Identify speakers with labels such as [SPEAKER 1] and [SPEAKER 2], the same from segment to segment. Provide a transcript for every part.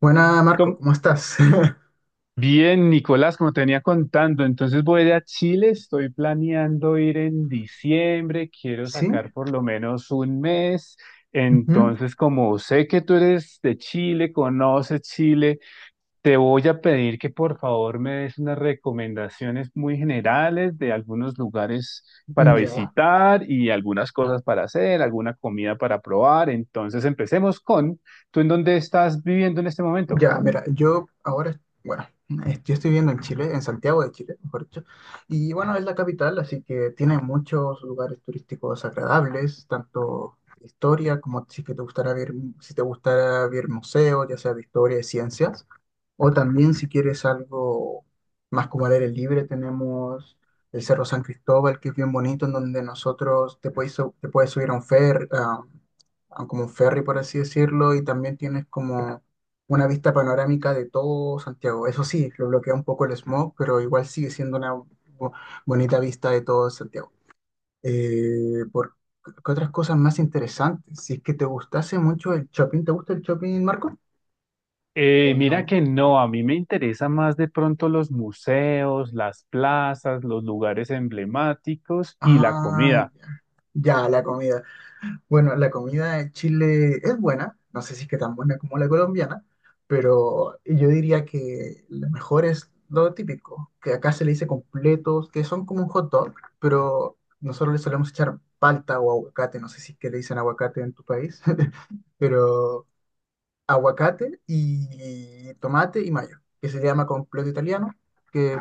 [SPEAKER 1] Buena, Marco,
[SPEAKER 2] Com-
[SPEAKER 1] ¿cómo estás?
[SPEAKER 2] Bien, Nicolás, como te venía contando, entonces voy a Chile, estoy planeando ir en diciembre, quiero
[SPEAKER 1] Sí,
[SPEAKER 2] sacar por lo menos un mes,
[SPEAKER 1] ujú,
[SPEAKER 2] entonces como sé que tú eres de Chile, conoces Chile, te voy a pedir que por favor me des unas recomendaciones muy generales de algunos lugares para
[SPEAKER 1] ya,
[SPEAKER 2] visitar y algunas cosas para hacer, alguna comida para probar, entonces empecemos con, ¿tú en dónde estás viviendo en este momento?
[SPEAKER 1] ya, mira, yo ahora, bueno, yo estoy viviendo en Chile, en Santiago de Chile, mejor dicho, y bueno, es la capital, así que tiene muchos lugares turísticos agradables, tanto historia como si que te gustara ver, si te gustara ver museos, ya sea de historia y ciencias. O también si quieres algo más como al aire libre, tenemos el Cerro San Cristóbal, que es bien bonito, en donde nosotros te puedes, te puedes subir a un ferry, a como un ferry, por así decirlo, y también tienes como una vista panorámica de todo Santiago. Eso sí, lo bloquea un poco el smog, pero igual sigue siendo una bonita vista de todo Santiago. Eh, por, ¿Qué otras cosas más interesantes? Si es que te gustase mucho el shopping, ¿te gusta el shopping, Marco?
[SPEAKER 2] Eh,
[SPEAKER 1] ¿O no
[SPEAKER 2] mira que
[SPEAKER 1] mucho?
[SPEAKER 2] no, a mí me interesa más de pronto los museos, las plazas, los lugares emblemáticos y la
[SPEAKER 1] Ah,
[SPEAKER 2] comida.
[SPEAKER 1] ya, la comida. Bueno, la comida de Chile es buena, no sé si es que tan buena como la colombiana, pero yo diría que lo mejor es lo típico, que acá se le dice completos, que son como un hot dog, pero nosotros le solemos echar palta o aguacate, no sé si es que le dicen aguacate en tu país, pero aguacate y tomate y mayo, que se llama completo italiano, que,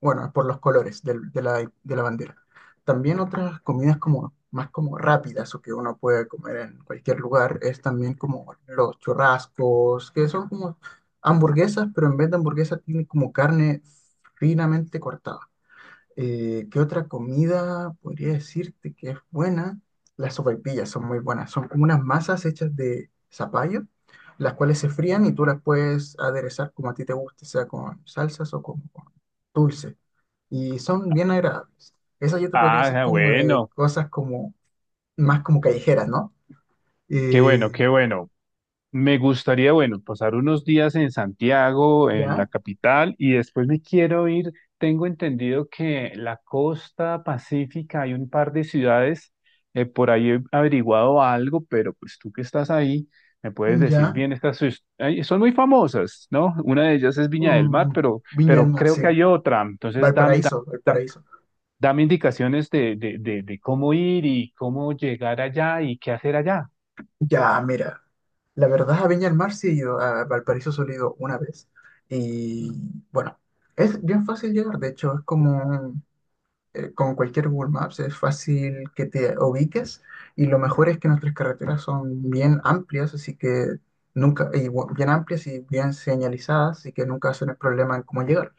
[SPEAKER 1] bueno, es por los colores de la, de la bandera. También otras comidas como más como rápidas o que uno puede comer en cualquier lugar es también como los churrascos, que son como hamburguesas, pero en vez de hamburguesas tiene como carne finamente cortada. ¿Qué otra comida podría decirte que es buena? Las sopaipillas son muy buenas. Son como unas masas hechas de zapallo, las cuales se frían y tú las puedes aderezar como a ti te guste, sea con salsas o como con dulce. Y son bien agradables. Esa yo te podría decir
[SPEAKER 2] Ah,
[SPEAKER 1] como de
[SPEAKER 2] bueno,
[SPEAKER 1] cosas como más como callejeras, ¿no?
[SPEAKER 2] qué bueno,
[SPEAKER 1] Eh,
[SPEAKER 2] qué bueno. Me gustaría, bueno, pasar unos días en Santiago, en la
[SPEAKER 1] ya,
[SPEAKER 2] capital, y después me quiero ir. Tengo entendido que la costa pacífica hay un par de ciudades, por ahí he averiguado algo, pero pues tú que estás ahí, me puedes decir
[SPEAKER 1] ya.
[SPEAKER 2] bien, ay, son muy famosas, ¿no? Una de ellas es Viña del Mar,
[SPEAKER 1] Mm, Viña del
[SPEAKER 2] pero
[SPEAKER 1] Mar,
[SPEAKER 2] creo
[SPEAKER 1] sí.
[SPEAKER 2] que hay otra. Entonces,
[SPEAKER 1] Valparaíso, Valparaíso.
[SPEAKER 2] dame indicaciones de cómo ir y cómo llegar allá y qué hacer allá.
[SPEAKER 1] Ya, mira. La verdad, a Viña del Mar sí he ido, a Valparaíso solo he ido una vez. Y bueno, es bien fácil llegar, de hecho, es como con cualquier Google Maps, es fácil que te ubiques, y lo mejor es que nuestras carreteras son bien amplias, así que nunca, y bien amplias y bien señalizadas, así que nunca hacen el problema en cómo llegar.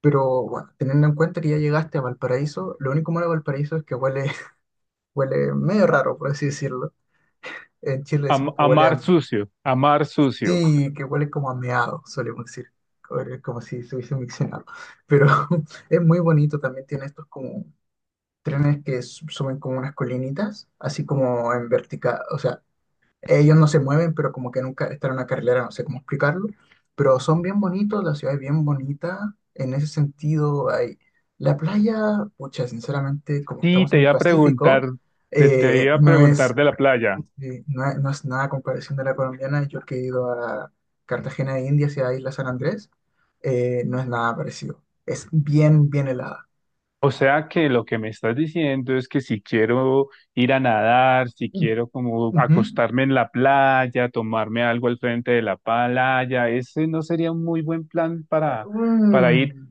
[SPEAKER 1] Pero bueno, teniendo en cuenta que ya llegaste a Valparaíso, lo único malo de Valparaíso es que huele, huele medio raro, por así decirlo. En Chile decimos que huele
[SPEAKER 2] Amar
[SPEAKER 1] a...
[SPEAKER 2] sucio, amar sucio.
[SPEAKER 1] Sí, que huele como a meado, solemos decir, huele como si se hubiese miccionado. Pero es muy bonito, también tiene estos como trenes que suben como unas colinitas, así como en vertical, o sea, ellos no se mueven, pero como que nunca están en una carrilera, no sé cómo explicarlo, pero son bien bonitos, la ciudad es bien bonita, en ese sentido hay la playa, pucha, sinceramente, como
[SPEAKER 2] Sí,
[SPEAKER 1] estamos
[SPEAKER 2] te
[SPEAKER 1] en el
[SPEAKER 2] iba a preguntar,
[SPEAKER 1] Pacífico,
[SPEAKER 2] se te iba a
[SPEAKER 1] no es...
[SPEAKER 2] preguntar de la playa.
[SPEAKER 1] Sí, no, no es nada a comparación de la colombiana. Yo que he ido a Cartagena de Indias y a Isla San Andrés, no es nada parecido. Es bien, bien helada.
[SPEAKER 2] O sea que lo que me estás diciendo es que si quiero ir a nadar, si quiero como
[SPEAKER 1] Ujú.
[SPEAKER 2] acostarme en la playa, tomarme algo al frente de la playa, ese no sería un muy buen plan para ir.
[SPEAKER 1] Mm,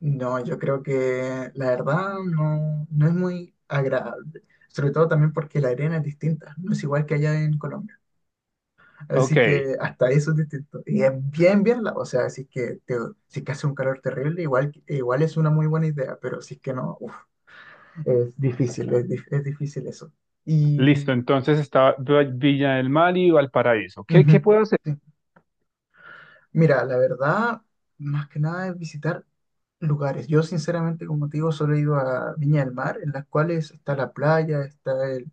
[SPEAKER 1] no, yo creo que la verdad no, no es muy agradable. Sobre todo también porque la arena es distinta, no es igual que allá en Colombia.
[SPEAKER 2] Ok,
[SPEAKER 1] Así que hasta eso es distinto. Y es bien, bien, o sea, si es que, te, si es que hace un calor terrible, igual, igual es una muy buena idea, pero si es que no, uff. Es difícil, es, es difícil eso.
[SPEAKER 2] listo.
[SPEAKER 1] Y
[SPEAKER 2] Entonces está Villa del Mar y Valparaíso. ¿Qué, qué
[SPEAKER 1] ujú,
[SPEAKER 2] puedo hacer?
[SPEAKER 1] sí. Mira, la verdad, más que nada es visitar lugares. Yo sinceramente, como te digo, solo he ido a Viña del Mar, en las cuales está la playa, está el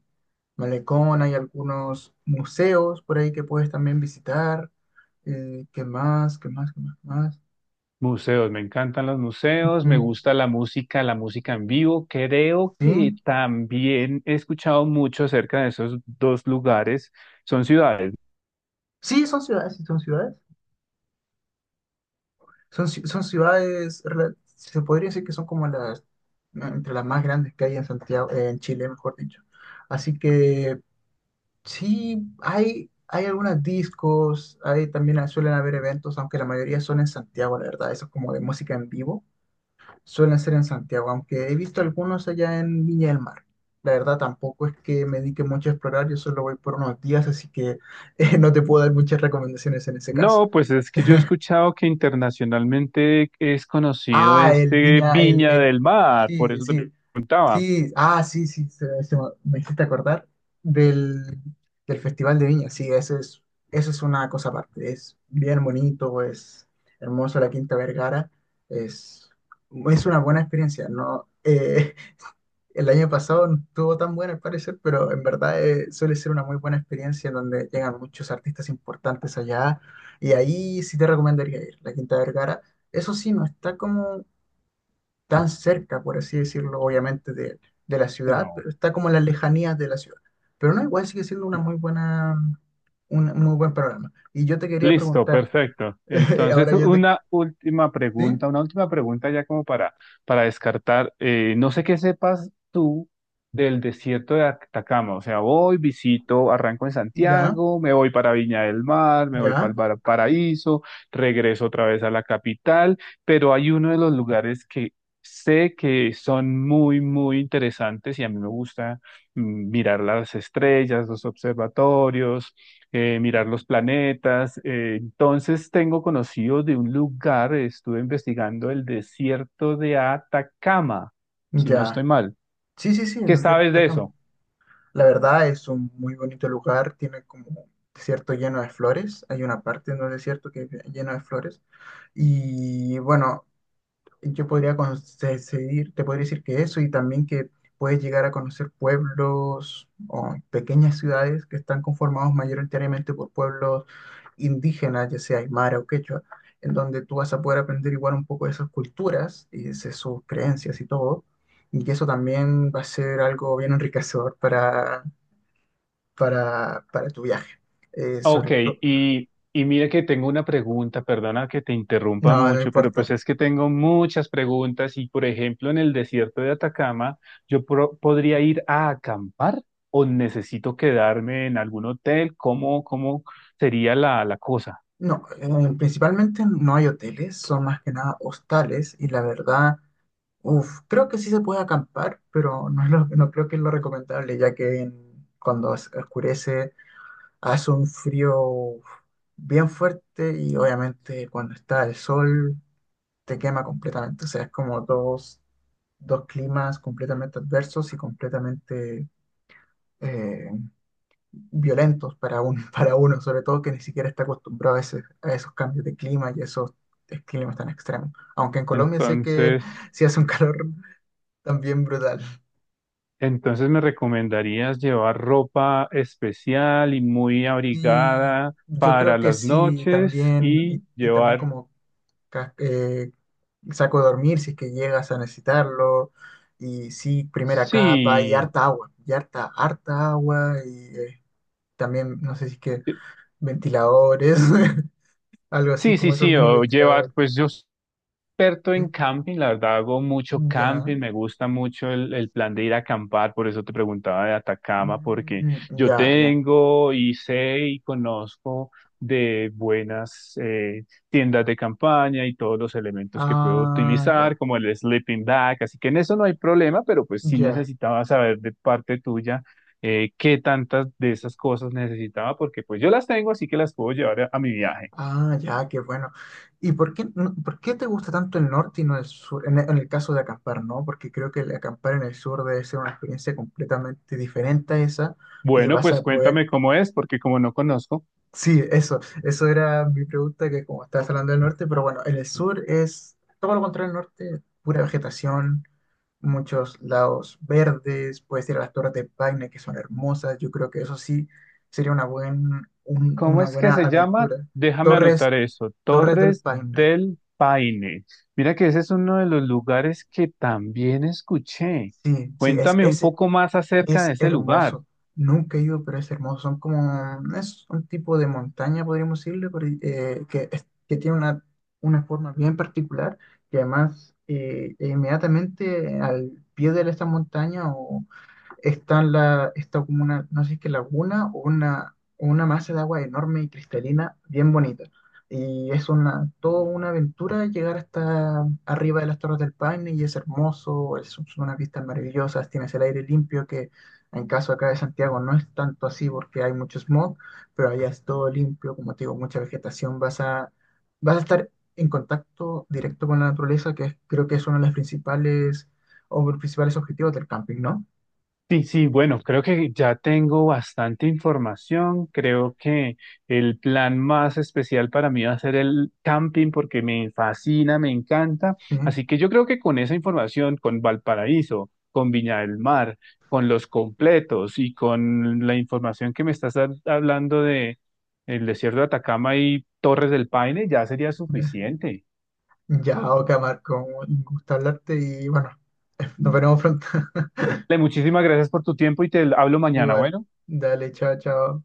[SPEAKER 1] malecón, hay algunos museos por ahí que puedes también visitar. ¿Qué más? ¿Qué más? ¿Qué más? ¿Qué más?
[SPEAKER 2] Museos, me encantan los museos, me
[SPEAKER 1] Ujú,
[SPEAKER 2] gusta la música en vivo. Creo
[SPEAKER 1] sí.
[SPEAKER 2] que también he escuchado mucho acerca de esos dos lugares. Son ciudades.
[SPEAKER 1] Sí, son ciudades, sí, son ciudades. Son, son ciudades, se podría decir que son como las, entre las más grandes que hay en Santiago, en Chile, mejor dicho. Así que sí, hay algunas discos, hay, también suelen haber eventos, aunque la mayoría son en Santiago, la verdad, eso es como de música en vivo, suelen ser en Santiago, aunque he visto algunos allá en Viña del Mar. La verdad, tampoco es que me dedique mucho a explorar, yo solo voy por unos días, así que no te puedo dar muchas recomendaciones en ese caso.
[SPEAKER 2] No, pues es que yo he escuchado que internacionalmente es conocido
[SPEAKER 1] Ah, el
[SPEAKER 2] este
[SPEAKER 1] Viña,
[SPEAKER 2] Viña del Mar, por
[SPEAKER 1] sí,
[SPEAKER 2] eso te
[SPEAKER 1] sí,
[SPEAKER 2] preguntaba.
[SPEAKER 1] sí, ah, sí, sí, me hiciste acordar del, del Festival de Viña, sí, eso es una cosa aparte, es bien bonito, es hermoso la Quinta Vergara, es, es una buena experiencia, no, el año pasado no estuvo tan buena al parecer, pero en verdad suele ser una muy buena experiencia en donde llegan muchos artistas importantes allá, y ahí sí te recomendaría ir, la Quinta Vergara, eso sí, no está como tan cerca, por así decirlo, obviamente de la ciudad,
[SPEAKER 2] No.
[SPEAKER 1] pero está como en las lejanías de la ciudad. Pero no, igual sigue siendo una muy buena, un muy buen programa. Y yo te quería
[SPEAKER 2] Listo,
[SPEAKER 1] preguntar,
[SPEAKER 2] perfecto. Entonces,
[SPEAKER 1] ahora yo te... ¿Sí?
[SPEAKER 2] una última pregunta ya como para descartar. No sé qué sepas tú del desierto de Atacama. O sea, voy, visito, arranco en
[SPEAKER 1] ¿Ya?
[SPEAKER 2] Santiago, me voy para Viña del Mar, me voy
[SPEAKER 1] ¿Ya?
[SPEAKER 2] para Paraíso, regreso otra vez a la capital, pero hay uno de los lugares que sé que son muy, muy interesantes y a mí me gusta mirar las estrellas, los observatorios mirar los planetas. Entonces tengo conocido de un lugar, estuve investigando el desierto de Atacama, si no estoy
[SPEAKER 1] ¿Ya?
[SPEAKER 2] mal.
[SPEAKER 1] Sí, sí, sí, es
[SPEAKER 2] ¿Qué
[SPEAKER 1] un cierto,
[SPEAKER 2] sabes de
[SPEAKER 1] Atacama.
[SPEAKER 2] eso?
[SPEAKER 1] La verdad es un muy bonito lugar, tiene como un desierto lleno de flores, hay una parte en el desierto que es lleno de flores. Y bueno, yo podría conseguir, te podría decir que eso y también que puedes llegar a conocer pueblos o pequeñas ciudades que están conformados mayoritariamente por pueblos indígenas, ya sea aymara o quechua, en donde tú vas a poder aprender igual un poco de esas culturas y de sus creencias y todo, y que eso también va a ser algo bien enriquecedor para tu viaje. Sobre
[SPEAKER 2] Ok,
[SPEAKER 1] todo,
[SPEAKER 2] y mire que tengo una pregunta, perdona que te interrumpa
[SPEAKER 1] no, no
[SPEAKER 2] mucho, pero pues
[SPEAKER 1] importa.
[SPEAKER 2] es que tengo muchas preguntas y por ejemplo en el desierto de Atacama, podría ir a acampar o necesito quedarme en algún hotel? ¿Cómo, cómo sería la, la cosa?
[SPEAKER 1] No, principalmente no hay hoteles, son más que nada hostales y la verdad, uff, creo que sí se puede acampar, pero no es no creo que es lo recomendable, ya que cuando oscurece hace un frío uf, bien fuerte y obviamente cuando está el sol te quema completamente, o sea, es como dos, dos climas completamente adversos y completamente eh, violentos para, un, para uno, sobre todo que ni siquiera está acostumbrado a, a esos cambios de clima y esos climas tan extremos. Aunque en Colombia sé que
[SPEAKER 2] Entonces...
[SPEAKER 1] sí hace un calor también brutal.
[SPEAKER 2] Entonces, ¿me recomendarías llevar ropa especial y muy
[SPEAKER 1] Y
[SPEAKER 2] abrigada
[SPEAKER 1] yo
[SPEAKER 2] para
[SPEAKER 1] creo que
[SPEAKER 2] las
[SPEAKER 1] sí,
[SPEAKER 2] noches
[SPEAKER 1] también,
[SPEAKER 2] y
[SPEAKER 1] y también
[SPEAKER 2] llevar,
[SPEAKER 1] como ca- eh, saco de dormir si es que llegas a necesitarlo. Y sí, primera capa y
[SPEAKER 2] sí,
[SPEAKER 1] harta agua, y harta, harta agua. También, no sé si es que
[SPEAKER 2] eh,
[SPEAKER 1] ventiladores, algo así como esos
[SPEAKER 2] sí,
[SPEAKER 1] mini
[SPEAKER 2] o llevar,
[SPEAKER 1] ventiladores.
[SPEAKER 2] pues yo experto
[SPEAKER 1] ¿Sí?
[SPEAKER 2] en camping, la verdad hago mucho
[SPEAKER 1] Ya,
[SPEAKER 2] camping, me gusta mucho el plan de ir a acampar, por eso te preguntaba de Atacama, porque
[SPEAKER 1] mm,
[SPEAKER 2] yo
[SPEAKER 1] ya, ya,
[SPEAKER 2] tengo y sé y conozco de buenas tiendas de campaña y todos los elementos que puedo
[SPEAKER 1] ah,
[SPEAKER 2] utilizar,
[SPEAKER 1] ya,
[SPEAKER 2] como el sleeping bag, así que en eso no hay problema, pero pues sí
[SPEAKER 1] ya,
[SPEAKER 2] necesitaba saber de parte tuya qué tantas de esas cosas necesitaba, porque pues yo las tengo, así que las puedo llevar a mi viaje.
[SPEAKER 1] ah, ya, qué bueno. ¿Y por qué, por qué te gusta tanto el norte y no el sur? En el caso de acampar, ¿no? Porque creo que el acampar en el sur debe ser una experiencia completamente diferente a esa, y
[SPEAKER 2] Bueno,
[SPEAKER 1] vas
[SPEAKER 2] pues
[SPEAKER 1] a poder...
[SPEAKER 2] cuéntame cómo es, porque como no conozco.
[SPEAKER 1] Sí, eso era mi pregunta, que como estabas hablando del norte, pero bueno, en el sur es todo lo contrario al norte, pura vegetación, muchos lados verdes, puedes ir a las Torres de Paine, que son hermosas, yo creo que eso sí sería una, buen,
[SPEAKER 2] ¿Cómo
[SPEAKER 1] una
[SPEAKER 2] es que
[SPEAKER 1] buena
[SPEAKER 2] se llama?
[SPEAKER 1] aventura.
[SPEAKER 2] Déjame
[SPEAKER 1] Torres,
[SPEAKER 2] anotar eso.
[SPEAKER 1] Torres del
[SPEAKER 2] Torres
[SPEAKER 1] Paine,
[SPEAKER 2] del Paine. Mira que ese es uno de los lugares que también escuché.
[SPEAKER 1] sí, sí, es,
[SPEAKER 2] Cuéntame un
[SPEAKER 1] es,
[SPEAKER 2] poco más acerca de
[SPEAKER 1] Es
[SPEAKER 2] ese lugar.
[SPEAKER 1] hermoso. Nunca he ido, pero es hermoso. Son como, es un tipo de montaña, podríamos decirle, que, que tiene una forma bien particular, que además inmediatamente al pie de esta montaña está en la, está como una, no sé si es que laguna o una masa de agua enorme y cristalina, bien bonita. Y es una, toda una aventura llegar hasta arriba de las Torres del Paine y es hermoso, son unas vistas maravillosas, tienes el aire limpio que en caso acá de Santiago no es tanto así porque hay mucho smog, pero allá es todo limpio, como te digo, mucha vegetación, vas a, vas a estar en contacto directo con la naturaleza, que creo que es uno de los principales o los principales objetivos del camping, ¿no?
[SPEAKER 2] Sí, sí, bueno, creo que ya tengo bastante información. Creo que el plan más especial para mí va a ser el camping porque me fascina, me encanta.
[SPEAKER 1] Sí,
[SPEAKER 2] Así que yo creo que con esa información, con Valparaíso, con Viña del Mar, con los completos y con la información que me estás hablando de el desierto de Atacama y Torres del Paine, ya sería
[SPEAKER 1] ya,
[SPEAKER 2] suficiente.
[SPEAKER 1] ya, Oka, Marco, un gusto hablarte y bueno, nos veremos pronto.
[SPEAKER 2] Le muchísimas gracias por tu tiempo y te hablo mañana,
[SPEAKER 1] Igual,
[SPEAKER 2] bueno.
[SPEAKER 1] dale, chao, chao.